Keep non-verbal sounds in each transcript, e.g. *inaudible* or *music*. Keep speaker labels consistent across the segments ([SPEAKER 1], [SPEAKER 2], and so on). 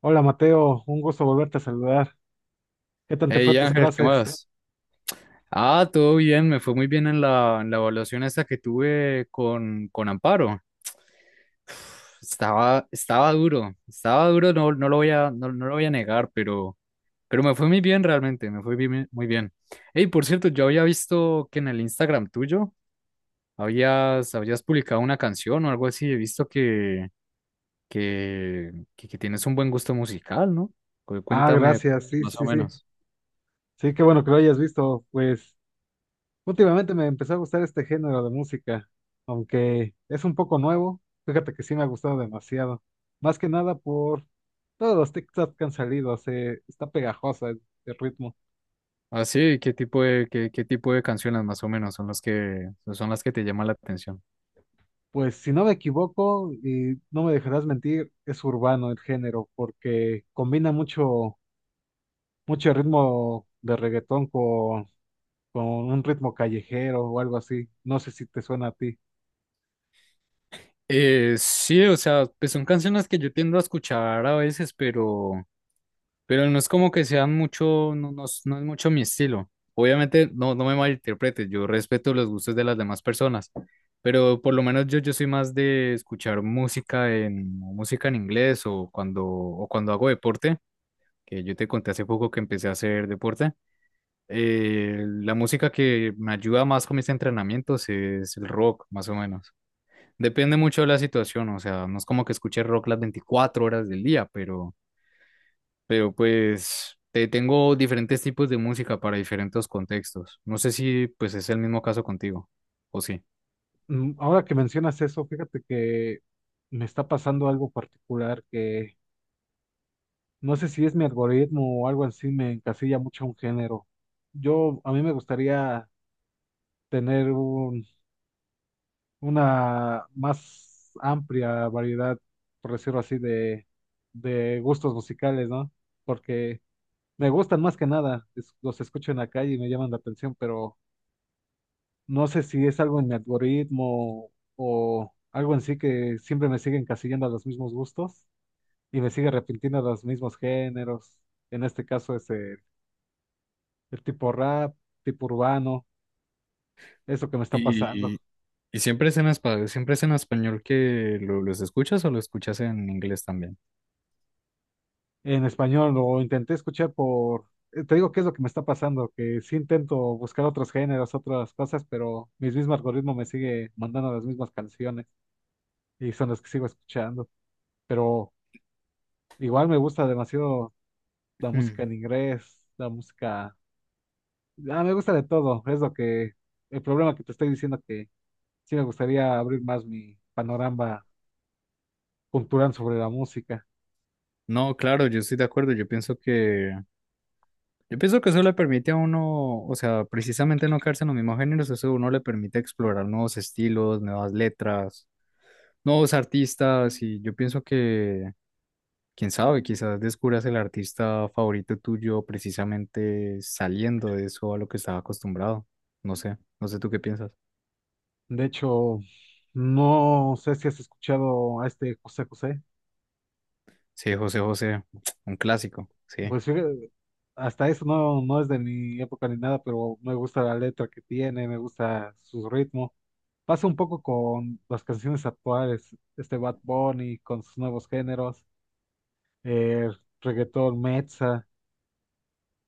[SPEAKER 1] Hola Mateo, un gusto volverte a saludar. ¿Qué tal te fue
[SPEAKER 2] Hey
[SPEAKER 1] tus
[SPEAKER 2] Ángel, ¿qué
[SPEAKER 1] clases?
[SPEAKER 2] más? Todo bien, me fue muy bien en en la evaluación esta que tuve con Amparo. *sighs* Estaba duro, no lo voy a no, no lo voy a negar, pero me fue muy bien realmente, muy bien. Hey, por cierto, yo había visto que en el Instagram tuyo habías publicado una canción o algo así, he visto que tienes un buen gusto musical, ¿no?
[SPEAKER 1] Ah,
[SPEAKER 2] Cuéntame
[SPEAKER 1] gracias, sí,
[SPEAKER 2] más o
[SPEAKER 1] sí, sí.
[SPEAKER 2] menos.
[SPEAKER 1] Sí, qué bueno que lo hayas visto. Pues últimamente me empezó a gustar este género de música, aunque es un poco nuevo. Fíjate que sí me ha gustado demasiado. Más que nada por todos los TikTok que han salido, se está pegajosa el ritmo.
[SPEAKER 2] Ah, sí, ¿qué tipo de, qué tipo de canciones más o menos son las que te llaman la atención?
[SPEAKER 1] Pues si no me equivoco, y no me dejarás mentir, es urbano el género, porque combina mucho ritmo de reggaetón con un ritmo callejero o algo así. No sé si te suena a ti.
[SPEAKER 2] Sí, o sea, pues son canciones que yo tiendo a escuchar a veces, pero no es como que sean mucho, no es mucho mi estilo. Obviamente, no me malinterpretes, yo respeto los gustos de las demás personas, pero por lo menos yo soy más de escuchar música en inglés o o cuando hago deporte, que yo te conté hace poco que empecé a hacer deporte. La música que me ayuda más con mis entrenamientos es el rock, más o menos. Depende mucho de la situación, o sea, no es como que escuche rock las 24 horas del día, pero pues tengo diferentes tipos de música para diferentes contextos. No sé si pues es el mismo caso contigo, o sí.
[SPEAKER 1] Ahora que mencionas eso, fíjate que me está pasando algo particular que no sé si es mi algoritmo o algo así, me encasilla mucho a un género. Yo, a mí me gustaría tener una más amplia variedad, por decirlo así, de gustos musicales, ¿no? Porque me gustan más que nada, es- los escucho en la calle y me llaman la atención, pero... No sé si es algo en mi algoritmo o algo en sí que siempre me sigue encasillando a los mismos gustos y me sigue arrepintiendo a los mismos géneros. En este caso es el tipo rap, tipo urbano, eso que me está pasando.
[SPEAKER 2] Y, y siempre es en español, siempre es en español que los escuchas o lo escuchas en inglés también.
[SPEAKER 1] En español lo intenté escuchar por... Te digo qué es lo que me está pasando, que sí intento buscar otros géneros, otras cosas, pero mi mismo algoritmo me sigue mandando las mismas canciones y son las que sigo escuchando. Pero igual me gusta demasiado la
[SPEAKER 2] Hmm.
[SPEAKER 1] música en inglés, la música... Ah, me gusta de todo, es lo que... El problema que te estoy diciendo que sí me gustaría abrir más mi panorama cultural sobre la música.
[SPEAKER 2] No, claro, yo estoy de acuerdo. Yo pienso que eso le permite a uno, o sea, precisamente no quedarse en los mismos géneros, eso a uno le permite explorar nuevos estilos, nuevas letras, nuevos artistas, y yo pienso que quién sabe, quizás descubras el artista favorito tuyo precisamente saliendo de eso a lo que estaba acostumbrado. No sé tú qué piensas.
[SPEAKER 1] De hecho, no sé si has escuchado a este José José.
[SPEAKER 2] Sí, José José, *tsk* un clásico, sí,
[SPEAKER 1] Pues fíjate, hasta eso no es de mi época ni nada, pero me gusta la letra que tiene, me gusta su ritmo. Pasa un poco con las canciones actuales, este Bad Bunny con sus nuevos géneros, el reggaetón, Mezza.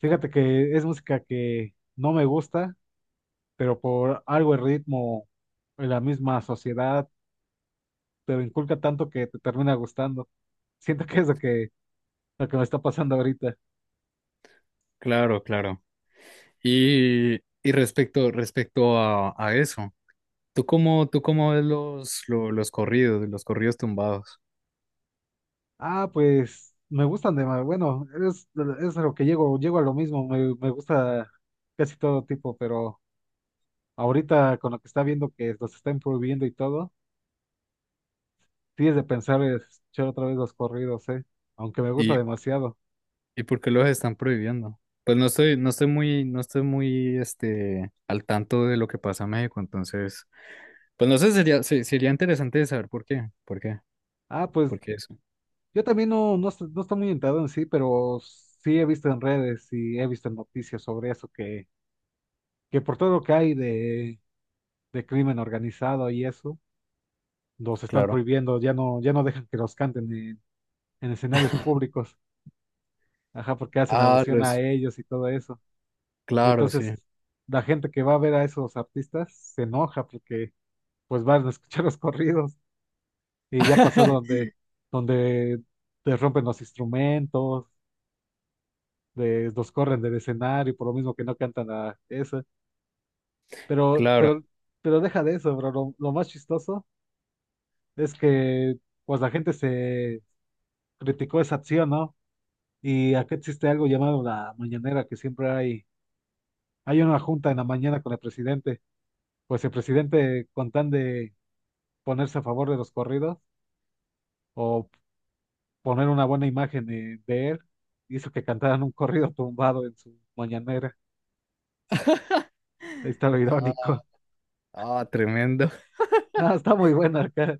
[SPEAKER 1] Fíjate que es música que no me gusta, pero por algo el ritmo, la misma sociedad, te lo inculca tanto que te termina gustando. *laughs* Siento que es lo que me está pasando ahorita.
[SPEAKER 2] claro, claro. Y, y respecto, respecto a eso, tú cómo ves los corridos tumbados?
[SPEAKER 1] Ah, pues me gustan de más. Bueno, es a lo que llego, llego a lo mismo. Me gusta casi todo tipo, pero ahorita con lo que está viendo que los están prohibiendo y todo, tienes de pensar en escuchar otra vez los corridos, ¿eh? Aunque me gusta
[SPEAKER 2] ¿Y,
[SPEAKER 1] demasiado.
[SPEAKER 2] ¿y por qué los están prohibiendo? Pues no estoy muy, no estoy muy, este, al tanto de lo que pasa en México, entonces, pues no sé, sería interesante saber por qué,
[SPEAKER 1] Ah, pues.
[SPEAKER 2] por qué eso.
[SPEAKER 1] Yo también no estoy muy enterado en sí, pero sí he visto en redes y he visto en noticias sobre eso, que por todo lo que hay de crimen organizado y eso, los están
[SPEAKER 2] Claro.
[SPEAKER 1] prohibiendo, ya no dejan que los canten en escenarios públicos, ajá, porque hacen
[SPEAKER 2] Ah,
[SPEAKER 1] alusión
[SPEAKER 2] los,
[SPEAKER 1] a ellos y todo eso. Y
[SPEAKER 2] claro, sí.
[SPEAKER 1] entonces la gente que va a ver a esos artistas se enoja porque pues van a escuchar *laughs* los corridos y ya pasa
[SPEAKER 2] *laughs*
[SPEAKER 1] donde te rompen los instrumentos les los corren del escenario por lo mismo que no cantan a eso. Pero,
[SPEAKER 2] Claro.
[SPEAKER 1] pero, pero deja de eso, bro. Lo más chistoso es que pues la gente se criticó esa acción, ¿no? Y acá existe algo llamado la mañanera, que siempre hay, hay una junta en la mañana con el presidente. Pues el presidente, con tan de ponerse a favor de los corridos o poner una buena imagen de él, hizo que cantaran un corrido tumbado en su mañanera.
[SPEAKER 2] *laughs*
[SPEAKER 1] Ahí está lo
[SPEAKER 2] Ah,
[SPEAKER 1] irónico. *laughs*
[SPEAKER 2] ah, tremendo.
[SPEAKER 1] No, está muy buena acá.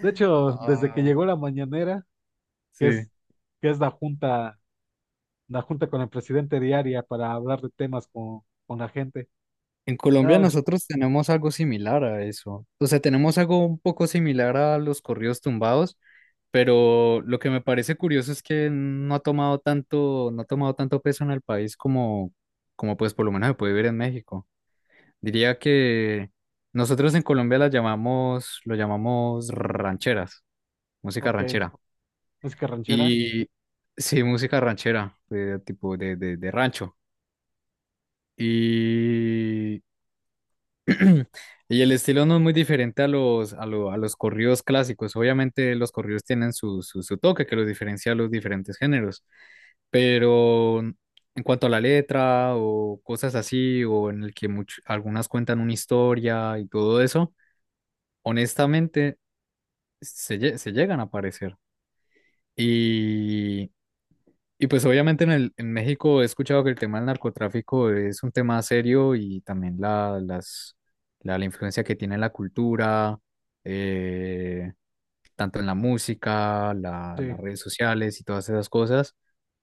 [SPEAKER 1] De hecho, desde que
[SPEAKER 2] Ah,
[SPEAKER 1] llegó la mañanera, que
[SPEAKER 2] sí.
[SPEAKER 1] es, que es la junta con el presidente diaria para hablar de temas con la gente.
[SPEAKER 2] En Colombia
[SPEAKER 1] Nada,
[SPEAKER 2] nosotros tenemos algo similar a eso. O sea, tenemos algo un poco similar a los corridos tumbados, pero lo que me parece curioso es que no ha tomado tanto, no ha tomado tanto peso en el país como, como pues por lo menos se puede ver en México. Diría que nosotros en Colombia lo llamamos rancheras, música
[SPEAKER 1] ok.
[SPEAKER 2] ranchera.
[SPEAKER 1] Música ranchera.
[SPEAKER 2] Y sí, música ranchera, de tipo de rancho. Y, *clears throat* y el estilo no es muy diferente a a los corridos clásicos. Obviamente los corridos tienen su toque que los diferencia a los diferentes géneros. Pero en cuanto a la letra o cosas así, o en el que algunas cuentan una historia y todo eso, honestamente se llegan a parecer. Y, y pues obviamente en en México he escuchado que el tema del narcotráfico es un tema serio y también la influencia que tiene en la cultura, eh, tanto en la música,
[SPEAKER 1] Sí,
[SPEAKER 2] las redes sociales y todas esas cosas,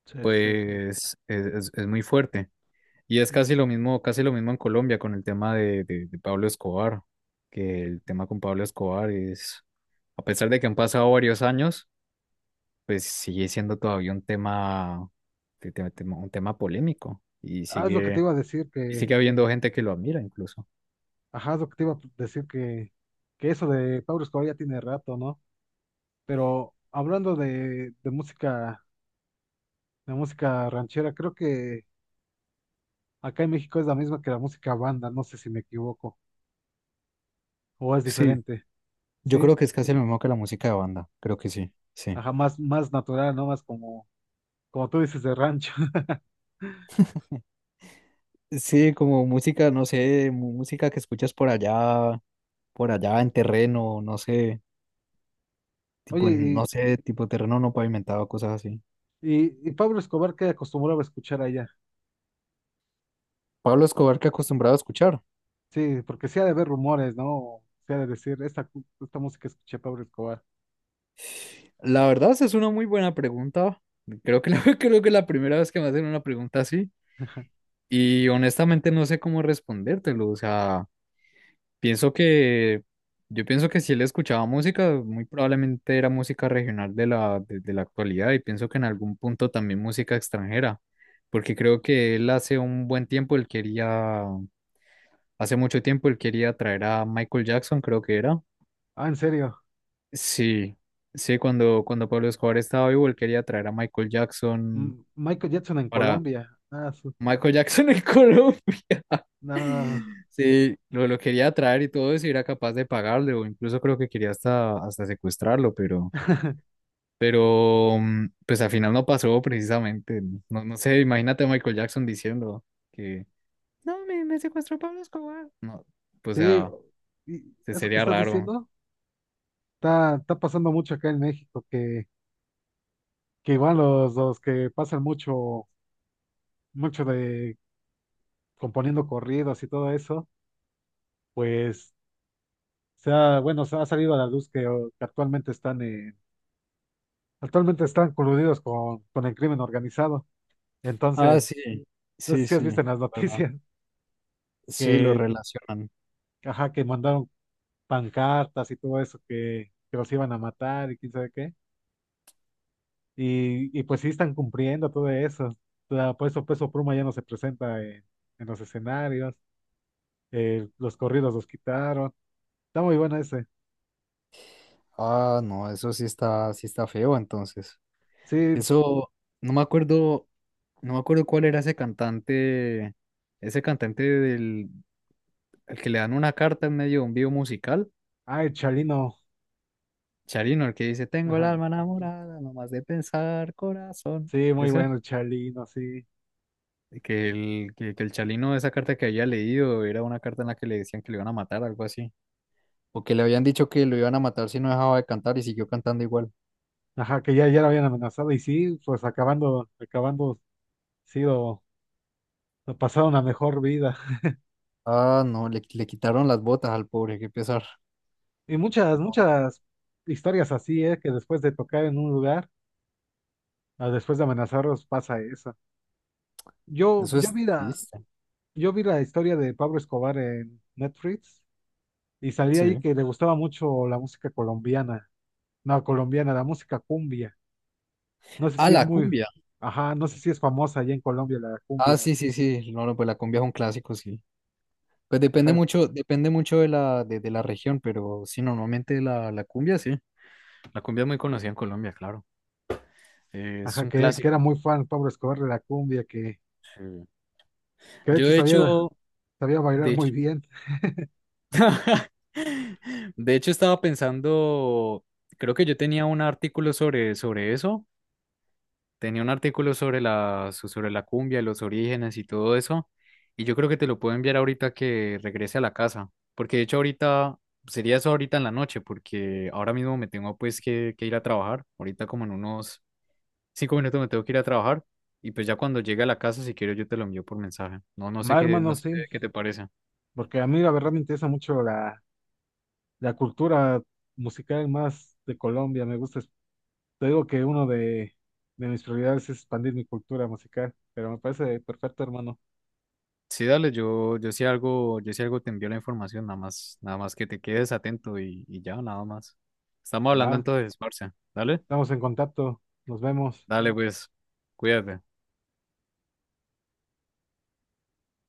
[SPEAKER 1] sí, sí.
[SPEAKER 2] pues es muy fuerte. Y es
[SPEAKER 1] Mm,
[SPEAKER 2] casi lo mismo en Colombia con el tema de Pablo Escobar, que el tema con Pablo Escobar es, a pesar de que han pasado varios años, pues sigue siendo todavía un tema, un tema polémico
[SPEAKER 1] Ah, es lo que te iba a decir
[SPEAKER 2] y
[SPEAKER 1] que,
[SPEAKER 2] sigue habiendo gente que lo admira incluso.
[SPEAKER 1] ajá, es lo que te iba a decir que eso de Pablo Escobar ya tiene rato, ¿no? Pero hablando de música ranchera, creo que acá en México es la misma que la música banda, no sé si me equivoco, o es
[SPEAKER 2] Sí,
[SPEAKER 1] diferente,
[SPEAKER 2] yo creo
[SPEAKER 1] ¿sí?
[SPEAKER 2] que es casi lo mismo que la música de banda, creo que sí, sí.
[SPEAKER 1] Ajá, más natural, ¿no? Más como como tú dices, de rancho. *laughs*
[SPEAKER 2] Sí, como música, no sé, música que escuchas por allá en terreno, no sé, no
[SPEAKER 1] Oye,
[SPEAKER 2] sé, tipo terreno no pavimentado, cosas así.
[SPEAKER 1] y Pablo Escobar, ¿qué acostumbraba a escuchar allá?
[SPEAKER 2] Pablo Escobar que acostumbraba a escuchar.
[SPEAKER 1] Sí, porque sí ha de haber rumores, ¿no? O sí ha de decir, esta, cu- esta música escuché a Pablo Escobar.
[SPEAKER 2] La verdad, esa es una muy buena pregunta. *laughs* Creo que es la primera vez que me hacen una pregunta así. Y honestamente no sé cómo respondértelo. O sea, pienso que, yo pienso que si él escuchaba música, muy probablemente era música regional de la, de la actualidad. Y pienso que en algún punto también música extranjera. Porque creo que él hace un buen tiempo, hace mucho tiempo, él quería traer a Michael Jackson, creo que era.
[SPEAKER 1] Ah, en serio,
[SPEAKER 2] Sí, sí, cuando Pablo Escobar estaba vivo, él quería traer a Michael Jackson
[SPEAKER 1] M- Michael Jackson en
[SPEAKER 2] para
[SPEAKER 1] Colombia. Ah, su-
[SPEAKER 2] Michael Jackson en *laughs* Colombia.
[SPEAKER 1] no,
[SPEAKER 2] Sí, lo quería traer y todo eso, y era capaz de pagarle, o incluso creo que quería hasta secuestrarlo, pero mm, pues al final no pasó precisamente. No, no sé, imagínate a Michael Jackson diciendo que no, me secuestró Pablo Escobar. No, pues o
[SPEAKER 1] sí,
[SPEAKER 2] sea,
[SPEAKER 1] y eso que
[SPEAKER 2] sería
[SPEAKER 1] estás
[SPEAKER 2] raro.
[SPEAKER 1] diciendo está, está pasando mucho acá en México, que igual los que pasan mucho de componiendo corridos y todo eso, pues, se ha- bueno, se ha salido a la luz que, oh, que actualmente están en Actualmente están coludidos con el crimen organizado.
[SPEAKER 2] Ah, sí,
[SPEAKER 1] Entonces, no sé
[SPEAKER 2] sí,
[SPEAKER 1] si has
[SPEAKER 2] sí,
[SPEAKER 1] visto en las *laughs*
[SPEAKER 2] verdad.
[SPEAKER 1] noticias
[SPEAKER 2] Sí, lo
[SPEAKER 1] que,
[SPEAKER 2] relacionan.
[SPEAKER 1] ajá, que mandaron pancartas y todo eso, que los iban a matar y quién sabe qué. Y pues sí están cumpliendo todo eso. O sea, por eso Peso Pluma ya no se presenta en los escenarios. Los corridos los quitaron. Está muy bueno ese.
[SPEAKER 2] Ah, no, eso sí está feo, entonces.
[SPEAKER 1] Sí,
[SPEAKER 2] Eso, no me acuerdo, no me acuerdo cuál era ese cantante al que le dan una carta en medio de un video musical,
[SPEAKER 1] ay, Chalino.
[SPEAKER 2] Charino, el que dice, tengo el
[SPEAKER 1] Ajá.
[SPEAKER 2] alma enamorada, nomás de pensar, corazón.
[SPEAKER 1] Sí, muy
[SPEAKER 2] Ese,
[SPEAKER 1] bueno el Chalino, sí.
[SPEAKER 2] que el Chalino, esa carta que había leído, era una carta en la que le decían que le iban a matar, algo así. O que le habían dicho que lo iban a matar si no dejaba de cantar y siguió cantando igual.
[SPEAKER 1] Ajá, ya lo habían amenazado y sí, pues acabando sido a pasar una mejor vida.
[SPEAKER 2] Ah, no, le quitaron las botas al pobre, qué pesar.
[SPEAKER 1] Y muchas historias así, ¿eh? Que después de tocar en un lugar, a después de amenazarlos, pasa eso. Yo,
[SPEAKER 2] Eso
[SPEAKER 1] yo
[SPEAKER 2] es
[SPEAKER 1] vi la,
[SPEAKER 2] triste.
[SPEAKER 1] yo vi la historia de Pablo Escobar en Netflix y salí ahí
[SPEAKER 2] Sí.
[SPEAKER 1] que le gustaba mucho la música colombiana. No, colombiana, la música cumbia. No sé
[SPEAKER 2] Ah,
[SPEAKER 1] si es
[SPEAKER 2] la
[SPEAKER 1] muy,
[SPEAKER 2] cumbia.
[SPEAKER 1] ajá, no sé si es famosa allá en Colombia la
[SPEAKER 2] Ah,
[SPEAKER 1] cumbia.
[SPEAKER 2] sí, sí, sí. No, no, pues la cumbia es un clásico, sí. Pues
[SPEAKER 1] Ajá,
[SPEAKER 2] depende mucho de de la región, pero sí, normalmente la cumbia, sí. La cumbia es muy conocida en Colombia, claro. Es
[SPEAKER 1] ajá,
[SPEAKER 2] un
[SPEAKER 1] que era
[SPEAKER 2] clásico.
[SPEAKER 1] muy fan Pablo Escobar de la cumbia,
[SPEAKER 2] Sí.
[SPEAKER 1] que de
[SPEAKER 2] Yo
[SPEAKER 1] hecho
[SPEAKER 2] de
[SPEAKER 1] sabía,
[SPEAKER 2] hecho,
[SPEAKER 1] sabía bailar
[SPEAKER 2] de
[SPEAKER 1] muy
[SPEAKER 2] hecho,
[SPEAKER 1] bien.
[SPEAKER 2] *laughs* de hecho estaba pensando, creo que yo tenía un artículo sobre, sobre eso. Tenía un artículo sobre sobre la cumbia, los orígenes y todo eso. Y yo creo que te lo puedo enviar ahorita que regrese a la casa. Porque de hecho ahorita, sería eso ahorita en la noche, porque ahora mismo me tengo pues que ir a trabajar. Ahorita como en unos 5 minutos me tengo que ir a trabajar. Y pues ya cuando llegue a la casa, si quiero yo te lo envío por mensaje.
[SPEAKER 1] Va, hermano,
[SPEAKER 2] No sé
[SPEAKER 1] sí,
[SPEAKER 2] qué te parece.
[SPEAKER 1] porque a mí la verdad me interesa mucho la la cultura musical más de Colombia, me gusta. Es- Te digo que uno de mis prioridades es expandir mi cultura musical, pero me parece perfecto, hermano.
[SPEAKER 2] Sí, dale, yo si algo te envío la información, nada más, nada más que te quedes atento y ya, nada más. Estamos
[SPEAKER 1] Va,
[SPEAKER 2] hablando entonces, Marcia. Dale.
[SPEAKER 1] estamos en contacto, nos vemos.
[SPEAKER 2] Dale, pues, cuídate.